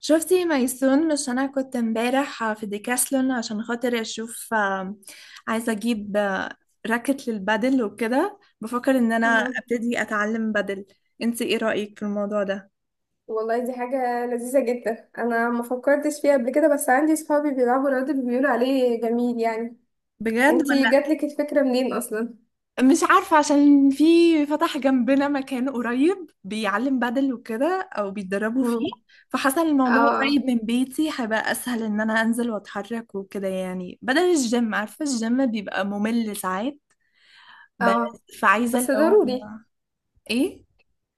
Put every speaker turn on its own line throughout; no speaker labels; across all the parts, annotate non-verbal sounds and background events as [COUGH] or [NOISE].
شفتي ميسون؟ مش انا كنت امبارح في ديكاسلون عشان خاطر اشوف، عايزه اجيب، راكت للبادل وكده. بفكر ان انا
مهم.
ابتدي اتعلم بادل. انتي ايه رأيك في الموضوع ده؟
والله دي حاجة لذيذة جدا أنا ما فكرتش فيها قبل كده، بس عندي صحابي بيلعبوا رياضة بيقولوا عليه جميل يعني.
بجد
انتي
ولا؟
جاتلك الفكرة منين أصلا؟
مش عارفه، عشان في فتح جنبنا مكان قريب بيعلم بادل وكده او بيتدربوا
مم.
فيه. فحسن الموضوع
اه
قريب من بيتي، هيبقى اسهل ان انا انزل واتحرك وكده يعني، بدل الجيم. عارفه الجيم بيبقى ممل ساعات.
اه.
بس فعايزه اللي
بس
هو.
ضروري.
ايه؟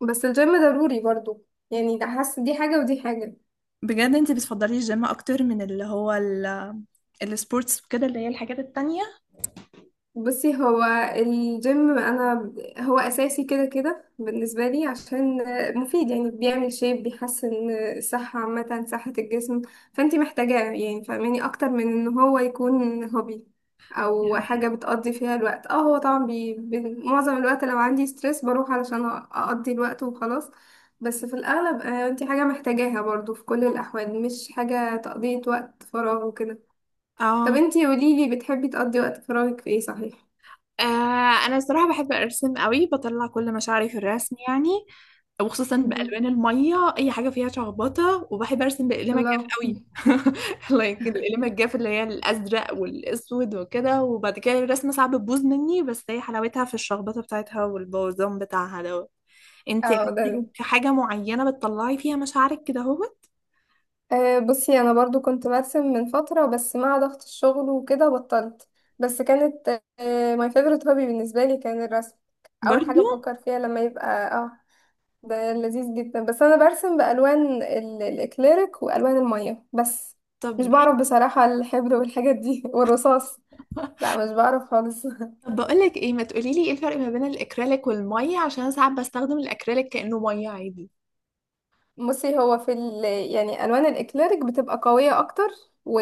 بس الجيم ضروري برضو، يعني ده حاسة دي حاجة ودي حاجة.
بجد؟ انت بتفضلي الجيم اكتر من اللي هو السبورتس كده، اللي هي الحاجات التانية؟
بصي هو الجيم انا هو اساسي كده كده بالنسبه لي، عشان مفيد يعني بيعمل شيب، بيحسن الصحه عامه، صحه الجسم. فانتي محتاجاه يعني، فاهماني، اكتر من ان هو يكون هوبي
دي
او
حقيقة.
حاجه بتقضي فيها الوقت. اه هو طبعا معظم الوقت لو عندي ستريس بروح علشان اقضي الوقت وخلاص. بس في الاغلب، انتي حاجه محتاجاها برضو في كل الاحوال، مش حاجه تقضيه وقت فراغ وكده. طب
اه.
انتي قوليلي، بتحبي تقضي وقت فراغك في ايه صحيح؟
انا الصراحه بحب ارسم قوي، بطلع كل مشاعري في الرسم يعني. وخصوصا بالوان الميه، اي حاجه فيها شخبطه. وبحب ارسم باقلام الجاف
الله.
قوي [LAUGHS] لايك الاقلام الجاف اللي هي الازرق والاسود وكده. وبعد كده الرسمه صعب تبوظ مني، بس هي حلاوتها في الشخبطه بتاعتها والبوظان بتاعها دوت. انت
اه ده
عندك
أنا.
حاجه معينه بتطلعي فيها مشاعرك كده اهوت؟
بصي انا برضو كنت برسم من فترة، بس مع ضغط الشغل وكده بطلت. بس كانت ماي فيفورت هوبي بالنسبة لي كان الرسم. اول
برضو.
حاجة بفكر فيها لما يبقى، اه، ده لذيذ جدا. بس انا برسم الاكليريك والوان المية بس. مش
طب
بعرف
جيم.
بصراحة الحبر والحاجات دي [LAUGHS] والرصاص. لا مش بعرف خالص.
طب بقولك ايه، ما تقوليلي ايه الفرق ما بين الاكريليك والميه، عشان أنا ساعات بستخدم الاكريليك كأنه ميه عادي.
بصي هو يعني الوان الاكليريك بتبقى قويه اكتر، و...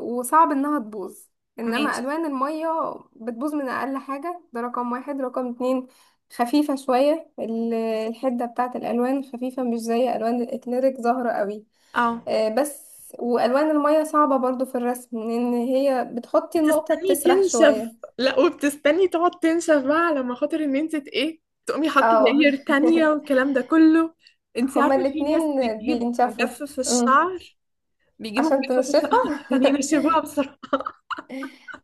وصعب انها تبوظ. انما
ماشي.
الوان الميه بتبوظ من اقل حاجه، ده رقم واحد. رقم اتنين، خفيفه شويه الحده بتاعه الالوان خفيفه، مش زي الوان الاكليريك ظاهره قوي.
اه.
بس والوان الميه صعبه برضو في الرسم، لان هي بتحطي النقطه
بتستني
بتسرح
تنشف؟
شويه.
لا، وبتستني تقعد تنشف بقى، على ما خاطر ان انت ايه، تقومي حاطه
اه
لاير تانية والكلام ده كله.
[LAUGHS]
انت
هما
عارفه في ناس
الاتنين
بتجيب
بينشفوا.
مجفف
أمم.
الشعر بيجيبوا
عشان
مجفف الشعر [LAUGHS]
تنشفها
عشان
[LAUGHS]
ينشفوها بسرعه.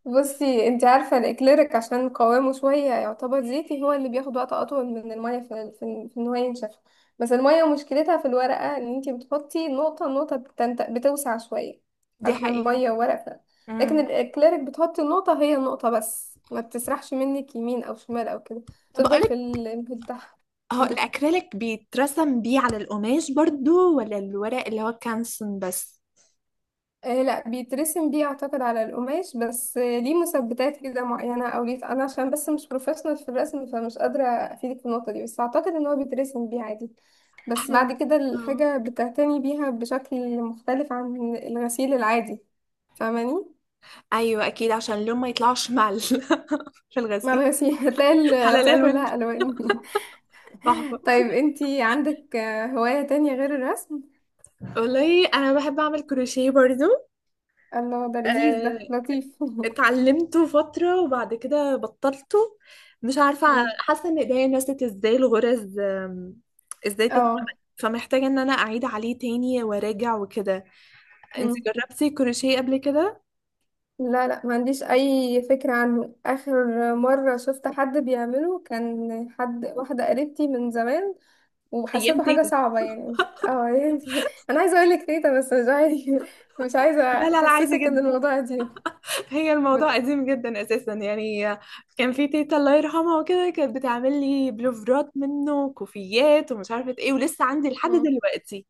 بصي انت عارفة الاكليريك عشان قوامه شوية يعتبر زيتي، هو اللي بياخد وقت اطول من المية في ان هو ينشف. بس المية مشكلتها في الورقة، ان انت بتحطي نقطة نقطة بتوسع شوية.
دي
علشان
حقيقة.
مية وورقة. لكن
امم
الاكليريك بتحطي النقطة هي النقطة بس، ما بتسرحش منك يمين او شمال او كده،
طب
تفضل في
اقولك،
الانبوت بتاعها.
هو الاكريليك بيترسم بيه على القماش برضو ولا الورق اللي هو كانسون بس؟
آه لا بيترسم بيه، اعتقد على القماش بس آه ليه مثبتات كده معينة او ليه، انا عشان بس مش بروفيشنال في الرسم فمش قادرة افيدك في النقطة دي، بس اعتقد ان هو بيترسم بيه عادي.
[LAUGHS]
بس
احنا.
بعد كده
اه.
الحاجة بتعتني بيها بشكل مختلف عن الغسيل العادي، فاهماني.
ايوه اكيد، عشان اللون ما يطلعش مع [LAUGHS] في
مع
الغسيل.
الغسيل [LAUGHS] هتلاقي
على
الغسالة
الالوان.
كلها الوان [LAUGHS]
تحفه.
طيب انتي عندك، هواية تانية غير الرسم؟
والله انا بحب اعمل كروشيه برضو.
الله ده لذيذ،
آه،
ده لطيف
اتعلمته فتره وبعد كده بطلته. مش عارفه،
[LAUGHS] مم.
حاسه ان ايديا نسيت ازاي الغرز. ازاي تتعمل.
اه
فمحتاجه ان انا اعيد عليه تاني وراجع وكده. انت جربتي كروشيه قبل كده؟
لا لا، ما عنديش اي فكرة عنه. اخر مرة شفت حد بيعمله كان حد، واحدة قريبتي من زمان،
ايام
وحسيته حاجة
تيتا.
صعبة يعني. اه يعني [LAUGHS] انا عايزة اقول لك تيتا بس مش عايزة.
لا، لا، لا، عادي
احسسك ان
جدا.
الموضوع دي
هي
ب...
الموضوع قديم جدا اساسا يعني. كان في تيتا الله يرحمها وكده، كانت بتعمل لي بلوفرات منه وكوفيات ومش عارفه ايه، ولسه عندي لحد
مم.
دلوقتي.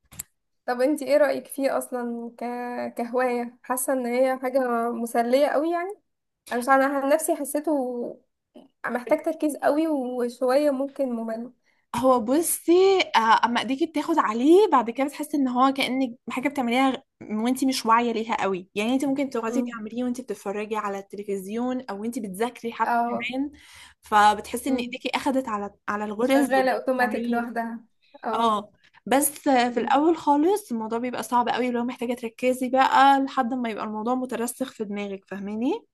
طب انتي ايه رأيك فيه اصلا كهواية؟ حاسة ان هي حاجة مسلية قوي يعني؟ انا مش عارفة، انا عن نفسي حسيته محتاج تركيز قوي وشوية ممكن ممل.
هو بصي، اما ايديكي بتاخد عليه بعد كده بتحسي ان هو كأنك حاجه بتعمليها وانتي مش واعيه ليها قوي يعني. انت ممكن تقعدي
مم.
تعمليه وانتي بتتفرجي على التلفزيون او انتي بتذاكري حتى
اه.
كمان. فبتحسي ان ايديكي اخدت على الغرز
شغالة اوتوماتيك
وبتعمليه.
لوحدها. اه.
اه. بس في
مم.
الاول خالص الموضوع بيبقى صعب قوي لو محتاجة تركزي بقى، لحد ما يبقى الموضوع مترسخ في دماغك، فاهماني؟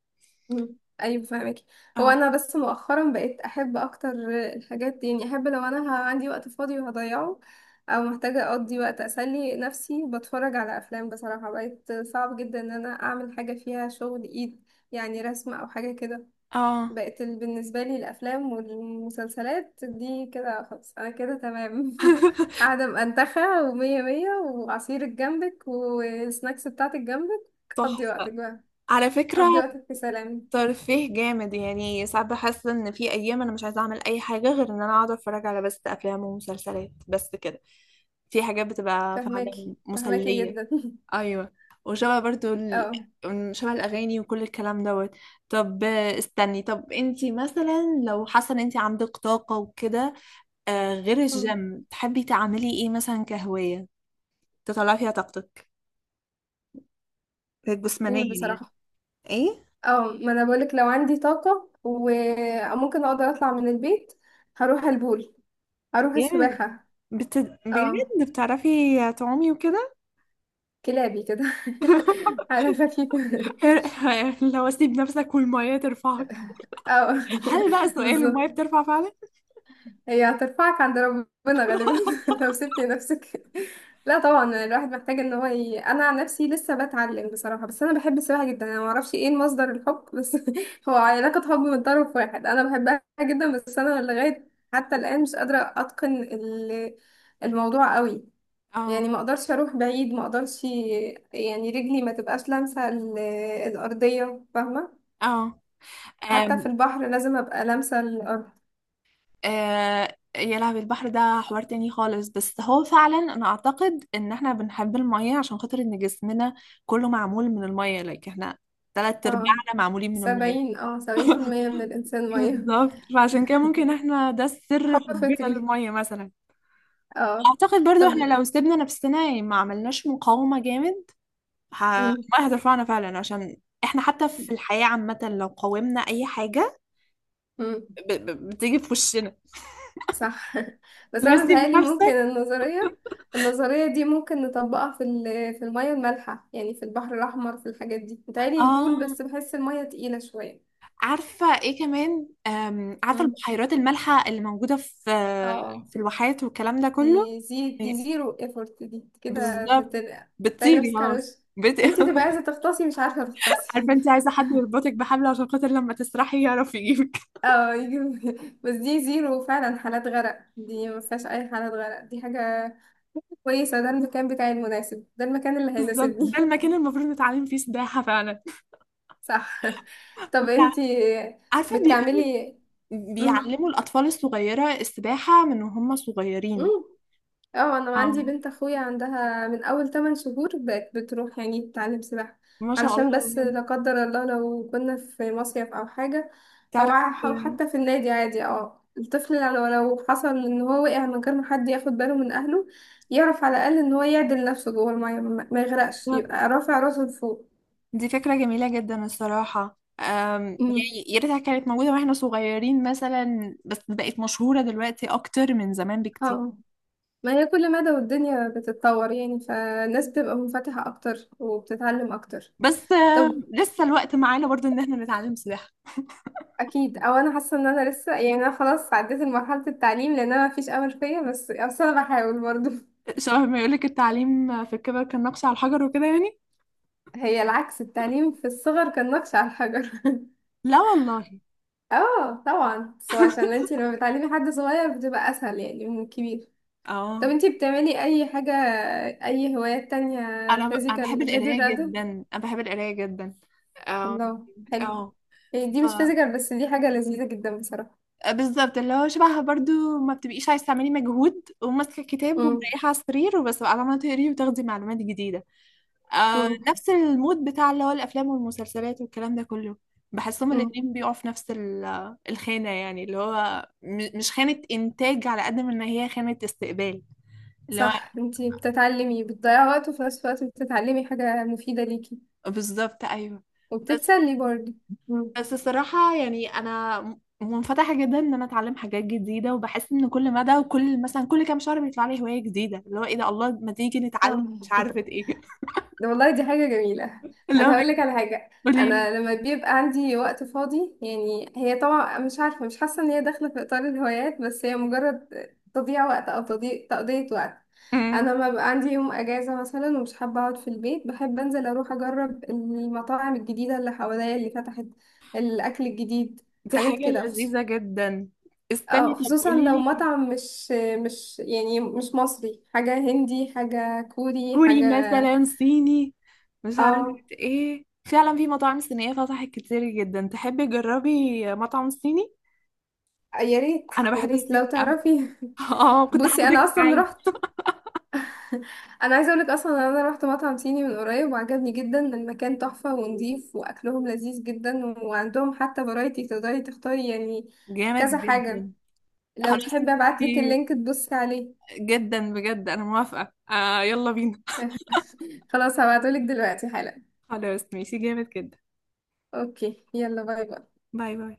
مم. ايوه فاهمك. هو
اه.
انا بس مؤخرا بقيت احب اكتر الحاجات دي، يعني احب لو انا عندي وقت فاضي وهضيعه او محتاجة اقضي وقت اسلي نفسي، بتفرج على افلام. بصراحة بقيت صعب جدا ان انا اعمل حاجة فيها شغل ايد، يعني رسم او حاجة كده.
اه.
بقت بالنسبة لي الأفلام والمسلسلات دي كده خلاص، أنا كده تمام [LAUGHS]
[LAUGHS]
قاعدة مأنتخة ومية مية وعصيرك جنبك والسناكس بتاعتك جنبك. قضي وقتك
تحفة.
بقى،
على فكرة
قضي وقتك في سلام.
ترفيه جامد، يعني ساعات بحس ان في ايام انا مش عايزة اعمل اي حاجة، غير ان انا اقعد اتفرج على بس افلام ومسلسلات بس كده. في حاجات بتبقى
فهماكي
فعلا
فهماكي
مسلية.
جدا [LAUGHS]
ايوه. وشبه برضو
اه.
شبه الاغاني وكل الكلام دوت. طب استني، طب انتي مثلا لو حاسه ان انتي عندك طاقه وكده، غير
مم.
الجيم تحبي تعملي ايه مثلا كهوايه؟ تطلعي فيها طاقتك جسمانيا
قول
يعني.
بصراحة.
ايه؟
اه ما أنا بقولك، لو عندي طاقة وممكن أقدر أطلع من البيت هروح البول، هروح
جيم.
السباحة.
بت...
اه
بجد؟ بتعرفي تعومي وكده؟
كلابي كده [LAUGHS] على خفيف [LAUGHS]
[LAUGHS] لو اسيب نفسك والميه ترفعك.
اه
هل بقى
[LAUGHS]
سؤال الميه
بالظبط.
بترفع فعلا؟
هي هترفعك عند ربنا غالبا [LAUGHS] لو سبت نفسك. لا طبعا، الواحد محتاج ان هو انا عن نفسي لسه بتعلم بصراحه. بس انا بحب السباحه جدا، انا ما اعرفش ايه مصدر الحب بس [LAUGHS] هو علاقه حب من طرف واحد، انا بحبها جدا. بس انا لغايه حتى الان مش قادره اتقن الموضوع قوي. يعني ما
[LAUGHS]
اقدرش اروح بعيد، ما اقدرش يعني رجلي ما تبقاش لامسه الارضيه، فاهمه.
اه. اه.
حتى في البحر لازم ابقى لامسه الارض.
آه يا لهوي، البحر ده حوار تاني خالص. بس هو فعلا، انا اعتقد ان احنا بنحب المية عشان خاطر ان جسمنا كله معمول من المية. لايك احنا تلات
اه
ارباعنا معمولين من المية.
سبعين، اه سبعين في المية من
[LAUGHS]
الإنسان مية
بالظبط. فعشان كده ممكن احنا ده
[LAUGHS]
السر
حب
حبنا
فطري.
للمية مثلا.
اه.
اعتقد برضو
طب.
احنا لو سيبنا نفسنا يعني، ما عملناش مقاومة جامد، ه-
مم.
المية هترفعنا فعلا. عشان احنا حتى في الحياة عامة لو قاومنا اي حاجة
مم.
بتيجي في وشنا.
صح [LAUGHS] بس أنا
لازم
متهيألي ممكن
نفسك.
النظرية، دي ممكن نطبقها في المية المالحة يعني في البحر الأحمر في الحاجات دي. متهيألي البول
اه.
بس بحس المية تقيلة شوية.
عارفة ايه كمان؟ عارفة
مم.
البحيرات المالحة اللي موجودة في
اه.
الواحات والكلام ده كله؟
دي دي
إيه،
زيرو ايفورت، دي كده
بالظبط.
تتنقع، تلاقي
بتطيري
نفسك على
خلاص.
وشك.
بت...
انتي تبقى عايزة
[LAUGHS]
تغطسي مش عارفة
عارفة؟
تغطسي
انت
[LAUGHS]
عايزة حد يربطك بحبل عشان خاطر لما تسرحي يعرف يجيبك. [LAUGHS]
اه يجيب- [LAUGHS] بس دي زيرو فعلا، حالات غرق دي ما فيهاش اي حالات غرق، دي حاجة كويسة. ده المكان بتاعي المناسب، ده المكان اللي
بالظبط، ده
هيناسبني
المكان
[LAUGHS]
المفروض نتعلم فيه سباحة فعلا.
صح. طب
بتاع-
انتي
عارفة بيقولوا
بتعملي. مم.
بيعلموا الأطفال الصغيرة السباحة من وهم
مم.
صغيرين.
اه انا عندي
اه،
بنت اخويا عندها من اول 8 شهور بقت بتروح يعني تتعلم سباحة.
ما شاء
علشان بس
الله.
لا قدر الله لو كنا في مصيف او حاجة،
تعرف،
او حتى في النادي عادي، اه الطفل لو حصل ان هو وقع من غير ما حد ياخد باله من اهله، يعرف على الاقل ان هو يعدل نفسه جوه المية، ما يغرقش، يبقى رافع راسه لفوق.
دي فكرة جميلة جدا الصراحة.
امم.
يعني يا ريتها كانت موجودة واحنا صغيرين مثلا، بس بقت مشهورة دلوقتي أكتر من زمان بكتير.
اه. ما هي كل مدى والدنيا بتتطور يعني، فالناس بتبقى منفتحة اكتر وبتتعلم اكتر.
بس
طب
لسه الوقت معانا برضو إن احنا نتعلم سباحة.
اكيد. او انا حاسه ان انا لسه يعني، انا خلاص عديت مرحله التعليم لان انا مفيش امل فيا، بس انا بحاول برضو [LAUGHS]
شبه ما يقولك التعليم في الكبر كان نقش على الحجر وكده يعني.
هي العكس، التعليم في الصغر كان نقش على الحجر [LAUGHS]
لا والله.
اه طبعا، بس هو عشان انتي لما بتعلمي حد صغير بتبقى اسهل يعني من الكبير. طب
اه.
انتي بتعملي اي حاجه، اي هوايات تانية
أنا بحب
فيزيكال غير
القراية
الرياضه؟
جدا. أنا بحب القراية جدا. اه.
الله حلو. يعني دي مش
اه.
فيزيكال، بس دي حاجه لذيذه جدا بصراحه.
بالظبط، اللي هو شبهها برضو، ما بتبقيش عايزه تعملي مجهود وماسكه كتاب
امم.
ومريحه على السرير، وبس بقى عماله تقري وتاخدي معلومات جديده.
امم.
نفس المود بتاع اللي هو الافلام والمسلسلات والكلام ده كله. بحسهم
امم.
الاتنين بيقعوا في نفس الخانه يعني، اللي هو مش خانه انتاج على قد ما ان هي خانه استقبال. اللي هو.
صح، انتي بتتعلمي، بتضيعي وقت وفي نفس الوقت بتتعلمي حاجة مفيدة ليكي.
بالظبط. ايوه. بس
وبتتسلي برضه. مم.
بس الصراحة يعني، أنا منفتحة جدا إن أنا أتعلم حاجات جديدة. وبحس إن كل مدى وكل مثلا كل كام شهر بيطلع لي هواية جديدة، اللي هو إيه ده، الله ما تيجي نتعلم
اه
مش عارفة إيه.
ده والله، دي حاجة جميلة.
[LAUGHS] اللي هو
انا هقول لك على حاجة.
بيقولي لي.
انا لما بيبقى عندي وقت فاضي، يعني هي طبعا مش عارفة، مش حاسة ان هي داخلة في اطار الهوايات، بس هي مجرد تضييع وقت، او تضييع، تقضية وقت.
أمم،
انا لما بيبقى عندي يوم اجازة مثلا ومش حابة اقعد في البيت، بحب انزل اروح اجرب المطاعم الجديدة اللي حواليا اللي فتحت، الاكل الجديد،
دي
حاجات
حاجة
كده.
لذيذة جدا. استني، طب
خصوصا
قولي
لو
لي.
مطعم مش يعني مش مصري، حاجة هندي، حاجة كوري،
كوري
حاجة.
مثلا. صيني؟ مش
اه
عارفة إيه فعلا، في مطاعم صينية فتحت كتير جدا. تحبي تجربي مطعم صيني؟
يا ريت.
أنا
يا
بحب
ريت لو
الصيني أوي.
تعرفي.
[LAUGHS] اه، كنت
بصي انا
هاخدك
اصلا
معايا.
رحت [LAUGHS] انا عايزه اقولك اصلا إن انا رحت مطعم صيني من قريب وعجبني جدا، المكان تحفه ونضيف واكلهم لذيذ جدا، وعندهم حتى فرايتي تقدري تختاري يعني
جامد
كذا
جدا.
حاجه. لو
خلاص.
تحبي ابعتلك اللينك تبصي عليه
جدا بجد انا موافقة. آه، يلا بينا.
[LAUGHS] خلاص هبعتهولك دلوقتي حالا.
خلاص ماشي جامد جدا.
اوكي يلا، باي باي.
باي باي.